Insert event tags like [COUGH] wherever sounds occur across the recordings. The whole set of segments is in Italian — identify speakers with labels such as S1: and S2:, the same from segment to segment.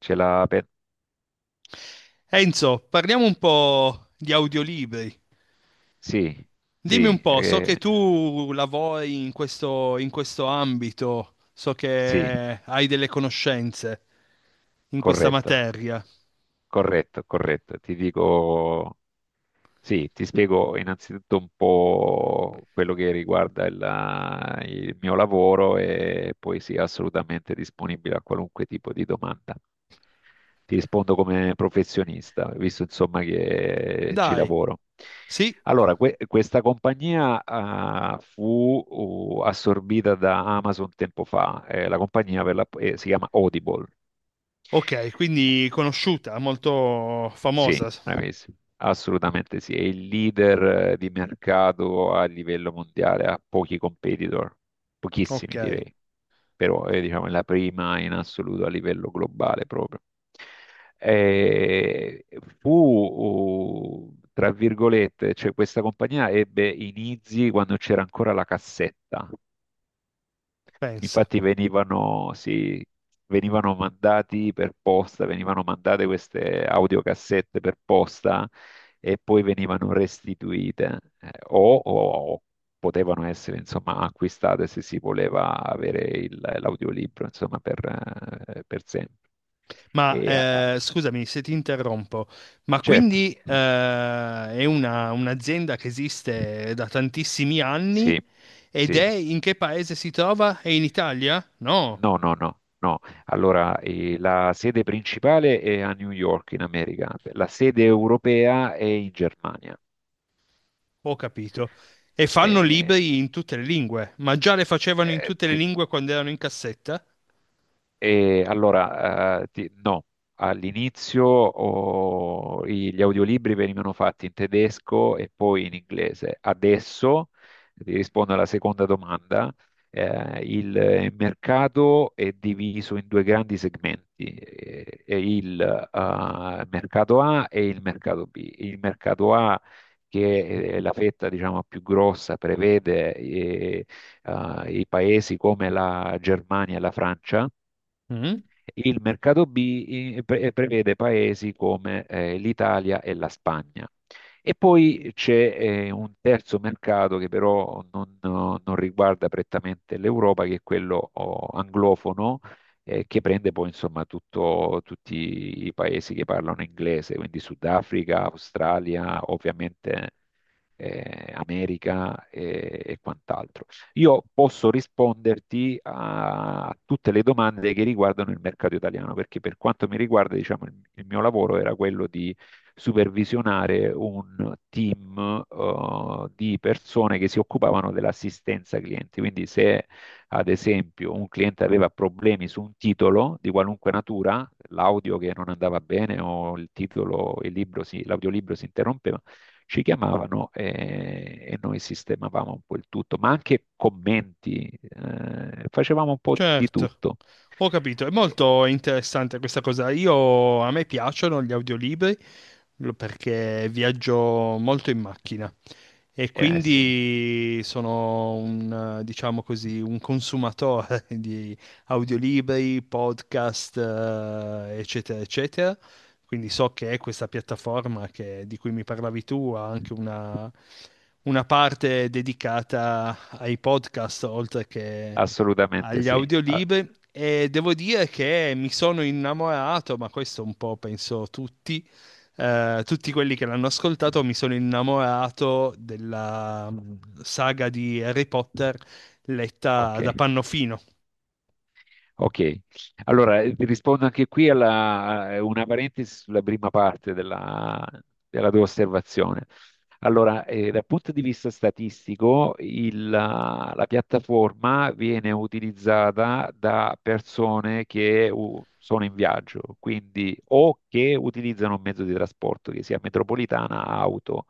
S1: Ce l'ha per...
S2: Enzo, parliamo un po' di audiolibri.
S1: Sì,
S2: Dimmi un
S1: sì,
S2: po', so che tu lavori in questo ambito, so
S1: sì,
S2: che hai delle conoscenze in questa
S1: corretto,
S2: materia.
S1: corretto. Ti dico, sì, ti spiego innanzitutto un po' quello che riguarda il mio lavoro e poi sì, assolutamente disponibile a qualunque tipo di domanda. Ti rispondo come professionista, visto insomma che ci
S2: Dai,
S1: lavoro.
S2: sì,
S1: Allora, questa compagnia fu assorbita da Amazon tempo fa. La compagnia si chiama Audible.
S2: ok, quindi conosciuta, molto
S1: Sì,
S2: famosa.
S1: bravissimo, assolutamente sì. È il leader di mercato a livello mondiale, ha pochi competitor,
S2: Ok,
S1: pochissimi direi, però è, diciamo, la prima in assoluto a livello globale proprio. Eh, Fu, tra virgolette, cioè questa compagnia ebbe inizi quando c'era ancora la cassetta.
S2: pensa.
S1: Infatti venivano, sì, venivano mandati per posta, venivano mandate queste audiocassette per posta e poi venivano restituite o potevano essere insomma acquistate se si voleva avere l'audiolibro insomma per sempre.
S2: Ma
S1: E, eh,
S2: scusami se ti interrompo, ma
S1: certo,
S2: quindi è un'azienda che esiste da tantissimi anni.
S1: sì,
S2: Ed è
S1: sì.
S2: in che paese si trova? È in Italia? No,
S1: No, no, no, no. Allora, la sede principale è a New York, in America, la sede europea è in Germania.
S2: ho capito. E fanno
S1: Eh,
S2: libri in tutte le lingue, ma già le facevano in
S1: eh,
S2: tutte le
S1: ti-
S2: lingue quando erano in cassetta?
S1: No, all'inizio gli audiolibri venivano fatti in tedesco e poi in inglese. Adesso, ti rispondo alla seconda domanda. Il mercato è diviso in due grandi segmenti, e il mercato A e il mercato B. Il mercato A, che è la fetta, diciamo, più grossa, prevede i paesi come la Germania e la Francia,
S2: Mm,
S1: il mercato B prevede paesi come l'Italia e la Spagna. E poi c'è un terzo mercato che però non riguarda prettamente l'Europa, che è quello anglofono, che prende poi insomma tutti i paesi che parlano inglese, quindi Sudafrica, Australia, ovviamente America e quant'altro. Io posso risponderti a tutte le domande che riguardano il mercato italiano, perché per quanto mi riguarda, diciamo, il mio lavoro era quello di supervisionare un team, di persone che si occupavano dell'assistenza clienti. Quindi se ad esempio un cliente aveva problemi su un titolo di qualunque natura, l'audio che non andava bene o il titolo, il libro l'audiolibro si interrompeva, ci chiamavano e noi sistemavamo un po' il tutto, ma anche commenti, facevamo un po' di
S2: certo,
S1: tutto.
S2: ho capito. È
S1: Eh,
S2: molto interessante questa cosa. Io, a me piacciono gli audiolibri perché viaggio molto in macchina. E
S1: sì,
S2: quindi sono diciamo così, un consumatore [LAUGHS] di audiolibri, podcast, eccetera, eccetera. Quindi so che questa piattaforma di cui mi parlavi tu ha anche una parte dedicata ai podcast, oltre che
S1: assolutamente
S2: agli
S1: sì. Ah,
S2: audiolibri, e devo dire che mi sono innamorato, ma questo un po' penso tutti, tutti quelli che l'hanno ascoltato. Mi sono innamorato della saga di Harry Potter
S1: ok.
S2: letta da Pannofino.
S1: Ok, allora vi rispondo anche qui a una parentesi sulla prima parte della tua osservazione. Allora, dal punto di vista statistico, la piattaforma viene utilizzata da persone che sono in viaggio, quindi o che utilizzano un mezzo di trasporto, che sia metropolitana, auto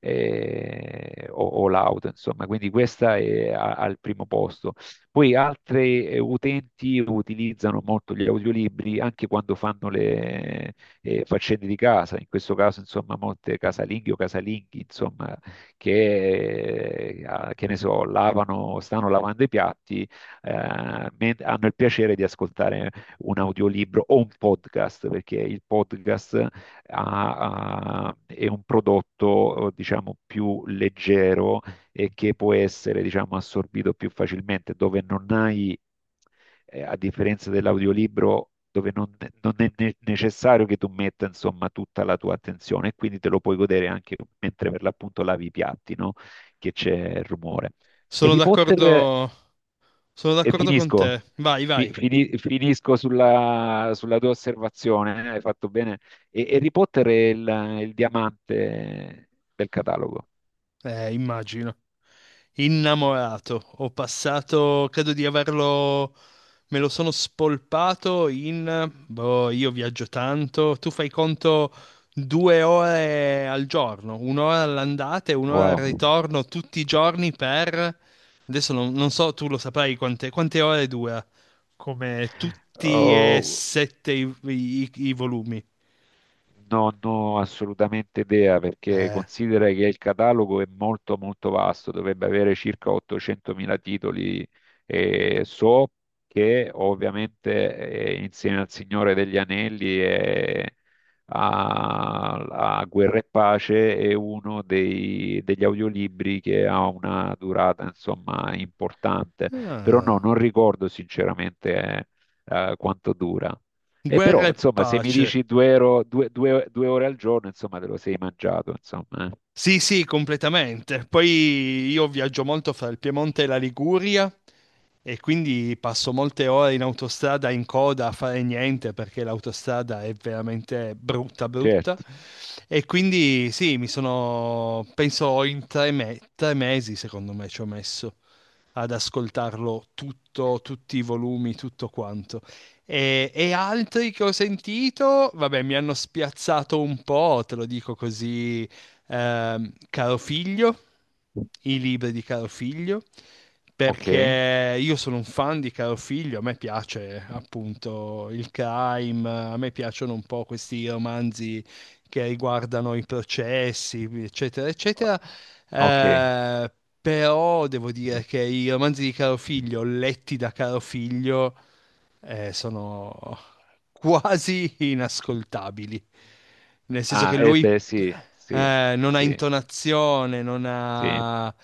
S1: o l'auto, insomma. Quindi questa è al primo posto. Poi altri utenti utilizzano molto gli audiolibri anche quando fanno faccende di casa, in questo caso insomma molte casalinghe o casalinghi insomma che, che ne so, lavano, stanno lavando i piatti, hanno il piacere di ascoltare un audiolibro o un podcast, perché il podcast ha- è un prodotto diciamo più leggero e che può essere diciamo assorbito più facilmente, dove non hai a differenza dell'audiolibro dove non è necessario che tu metta insomma tutta la tua attenzione e quindi te lo puoi godere anche mentre per l'appunto lavi i piatti, no? Che c'è il rumore.
S2: Sono
S1: Harry Potter,
S2: d'accordo, sono
S1: e
S2: d'accordo con
S1: finisco,
S2: te. Vai, vai.
S1: finisco sulla tua osservazione, hai fatto bene. E Harry Potter è il diamante del catalogo.
S2: Immagino. Innamorato. Ho passato, credo di averlo, me lo sono spolpato in, boh, io viaggio tanto, tu fai conto 2 ore al giorno, 1 ora all'andata e 1 ora al
S1: Wow.
S2: ritorno tutti i giorni per, adesso non so, tu lo saprai quante ore dura, come tutti e
S1: Oh,
S2: sette i volumi.
S1: Non ho assolutamente idea perché
S2: Eh.
S1: considera che il catalogo è molto molto vasto, dovrebbe avere circa 800.000 titoli e so che ovviamente insieme al Signore degli Anelli e a, a Guerra e Pace è uno degli audiolibri che ha una durata insomma importante, però no,
S2: Ah.
S1: non ricordo sinceramente quanto dura. E
S2: Guerra
S1: però,
S2: e
S1: insomma, se mi
S2: pace.
S1: dici due, euro, due, due- due ore al giorno, insomma, te lo sei mangiato, insomma,
S2: Sì, sì, completamente. Poi io viaggio molto fra il Piemonte e la Liguria e quindi passo molte ore in autostrada in coda a fare niente, perché l'autostrada è veramente brutta, brutta.
S1: Certo,
S2: E quindi sì, mi sono, penso in tre mesi, secondo me, ci ho messo ad ascoltarlo tutto, tutti i volumi, tutto quanto. E altri che ho sentito, vabbè, mi hanno spiazzato un po', te lo dico così. Caro Figlio, i libri di Caro Figlio,
S1: ok,
S2: perché io sono un fan di Caro Figlio, a me piace appunto il crime, a me piacciono un po' questi romanzi che riguardano i processi, eccetera, eccetera.
S1: ok.
S2: Eh, Però devo dire che i romanzi di Caro Figlio, letti da Caro Figlio, sono quasi inascoltabili, nel senso che
S1: Ah, e
S2: lui
S1: beh, sì, sì,
S2: non ha
S1: sì,
S2: intonazione, non
S1: sì.
S2: ha,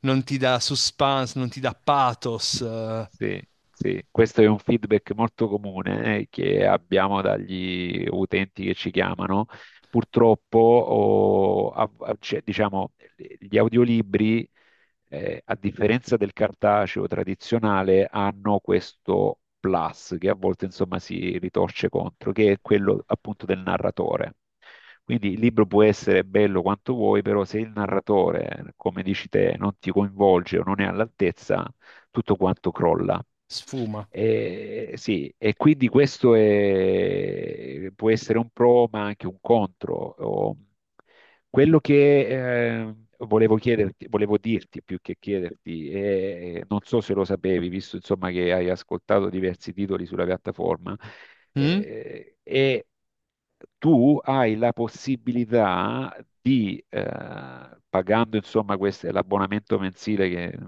S2: non ti dà suspense, non ti dà pathos,
S1: Sì, sì, questo è un feedback molto comune che abbiamo dagli utenti che ci chiamano. Purtroppo, cioè, diciamo, gli audiolibri, a differenza del cartaceo tradizionale, hanno questo plus che a volte, insomma, si ritorce contro, che è quello appunto del narratore. Quindi il libro può essere bello quanto vuoi, però se il narratore, come dici te, non ti coinvolge o non è all'altezza, tutto quanto crolla.
S2: sfuma.
S1: E, sì, e quindi questo può essere un pro, ma anche un contro. Quello che volevo chiederti, volevo dirti più che chiederti, e non so se lo sapevi, visto insomma che hai ascoltato diversi titoli sulla piattaforma,
S2: Mm?
S1: eh, e tu hai la possibilità di, pagando insomma questo, l'abbonamento mensile che è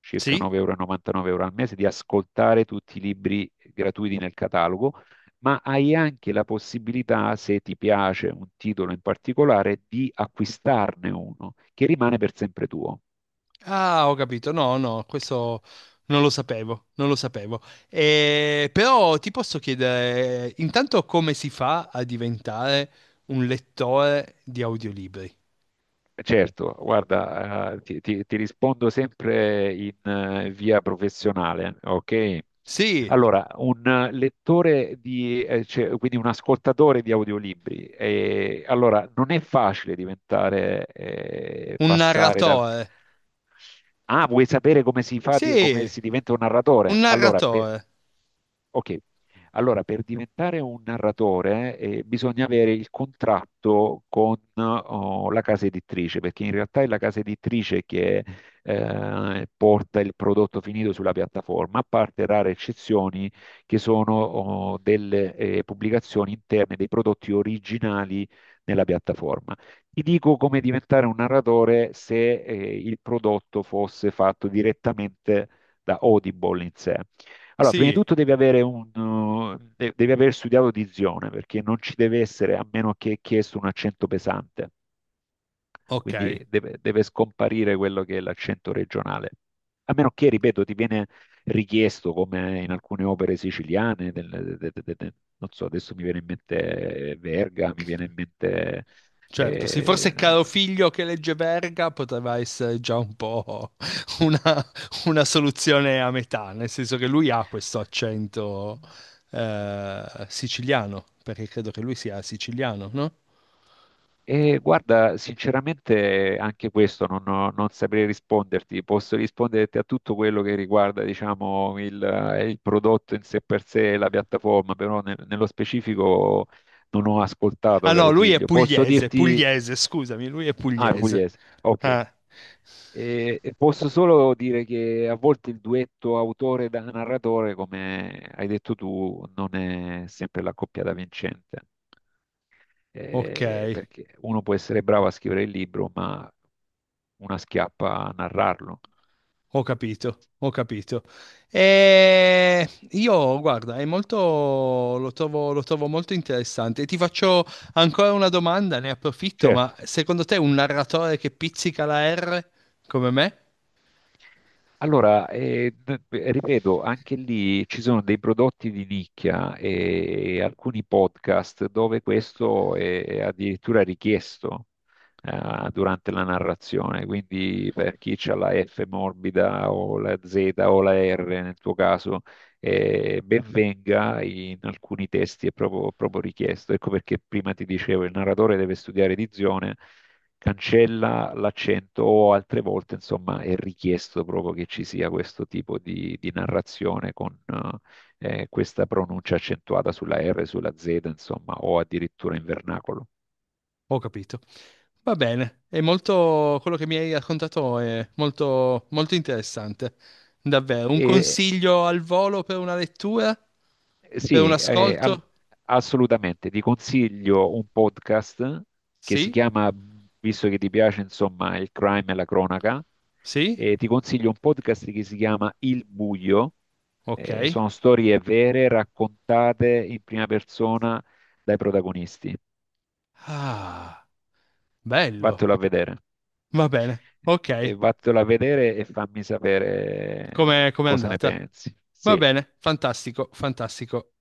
S1: circa
S2: Sì?
S1: 9,99 euro al mese, di ascoltare tutti i libri gratuiti nel catalogo, ma hai anche la possibilità, se ti piace un titolo in particolare, di acquistarne uno che rimane per sempre tuo.
S2: Ah, ho capito. No, no, questo non lo sapevo, non lo sapevo. Però ti posso chiedere, intanto come si fa a diventare un lettore di audiolibri?
S1: Certo, guarda, ti rispondo sempre in via professionale, ok?
S2: Sì,
S1: Allora, un lettore di, cioè, quindi un ascoltatore di audiolibri, allora non è facile diventare,
S2: un
S1: passare dal...
S2: narratore.
S1: Ah, vuoi sapere come si fa, come
S2: Sì,
S1: si diventa un
S2: un
S1: narratore? Allora, per,
S2: narratore.
S1: ok, allora per diventare un narratore bisogna avere il contratto con la casa editrice, perché in realtà è la casa editrice che porta il prodotto finito sulla piattaforma, a parte rare eccezioni che sono delle pubblicazioni interne dei prodotti originali nella piattaforma. Ti dico come diventare un narratore se il prodotto fosse fatto direttamente da Audible in sé. Allora, prima di
S2: Sì,
S1: tutto devi avere, devi aver studiato dizione, perché non ci deve essere, a meno che è chiesto, un accento pesante,
S2: ok.
S1: quindi deve scomparire quello che è l'accento regionale. A meno che, ripeto, ti viene richiesto, come in alcune opere siciliane, de- de- de- de- non so, adesso mi viene in mente Verga, mi viene in mente...
S2: Certo, sì,
S1: eh,
S2: forse Caro Figlio che legge Verga poteva essere già un po' [LAUGHS] una, una soluzione a metà, nel senso che lui ha questo accento siciliano, perché credo che lui sia siciliano, no?
S1: E guarda, sinceramente anche questo non saprei risponderti, posso risponderti a tutto quello che riguarda, diciamo, il prodotto in sé per sé, la piattaforma, però nello specifico non ho
S2: Ah
S1: ascoltato,
S2: no,
S1: caro
S2: lui è
S1: figlio. Posso
S2: pugliese,
S1: dirti...
S2: pugliese, scusami, lui è
S1: Ah, è
S2: pugliese.
S1: pugliese, ok.
S2: Ah,
S1: E posso solo dire che a volte il duetto autore da narratore, come hai detto tu, non è sempre la coppia da vincente
S2: ok.
S1: perché uno può essere bravo a scrivere il libro, ma una schiappa a narrarlo.
S2: Ho capito, ho capito. E io, guarda, è molto, lo trovo molto interessante. Ti faccio ancora una domanda, ne approfitto, ma
S1: Certo,
S2: secondo te un narratore che pizzica la R come me?
S1: allora, ripeto, anche lì ci sono dei prodotti di nicchia e alcuni podcast dove questo è addirittura richiesto durante la narrazione, quindi per chi ha la F morbida o la Z o la R nel tuo caso, ben venga, in alcuni testi è proprio richiesto. Ecco perché prima ti dicevo, il narratore deve studiare edizione, cancella l'accento o altre volte, insomma, è richiesto proprio che ci sia questo tipo di narrazione con questa pronuncia accentuata sulla R, sulla Z, insomma, o addirittura in vernacolo.
S2: Ho capito. Va bene, è molto, quello che mi hai raccontato è molto, molto interessante. Davvero, un
S1: E,
S2: consiglio al volo per una lettura? Per un
S1: sì,
S2: ascolto?
S1: assolutamente, ti consiglio un podcast che si
S2: Sì?
S1: chiama, visto che ti piace, insomma, il crime e la cronaca,
S2: Sì?
S1: ti consiglio un podcast che si chiama Il Buio.
S2: Ok.
S1: Sono storie vere raccontate in prima persona dai protagonisti.
S2: Ah,
S1: Vattelo
S2: bello.
S1: a vedere.
S2: Va bene, ok,
S1: E vattelo a vedere e fammi
S2: come
S1: sapere
S2: come è
S1: cosa ne
S2: andata?
S1: pensi.
S2: Va
S1: Sì.
S2: bene, fantastico, fantastico.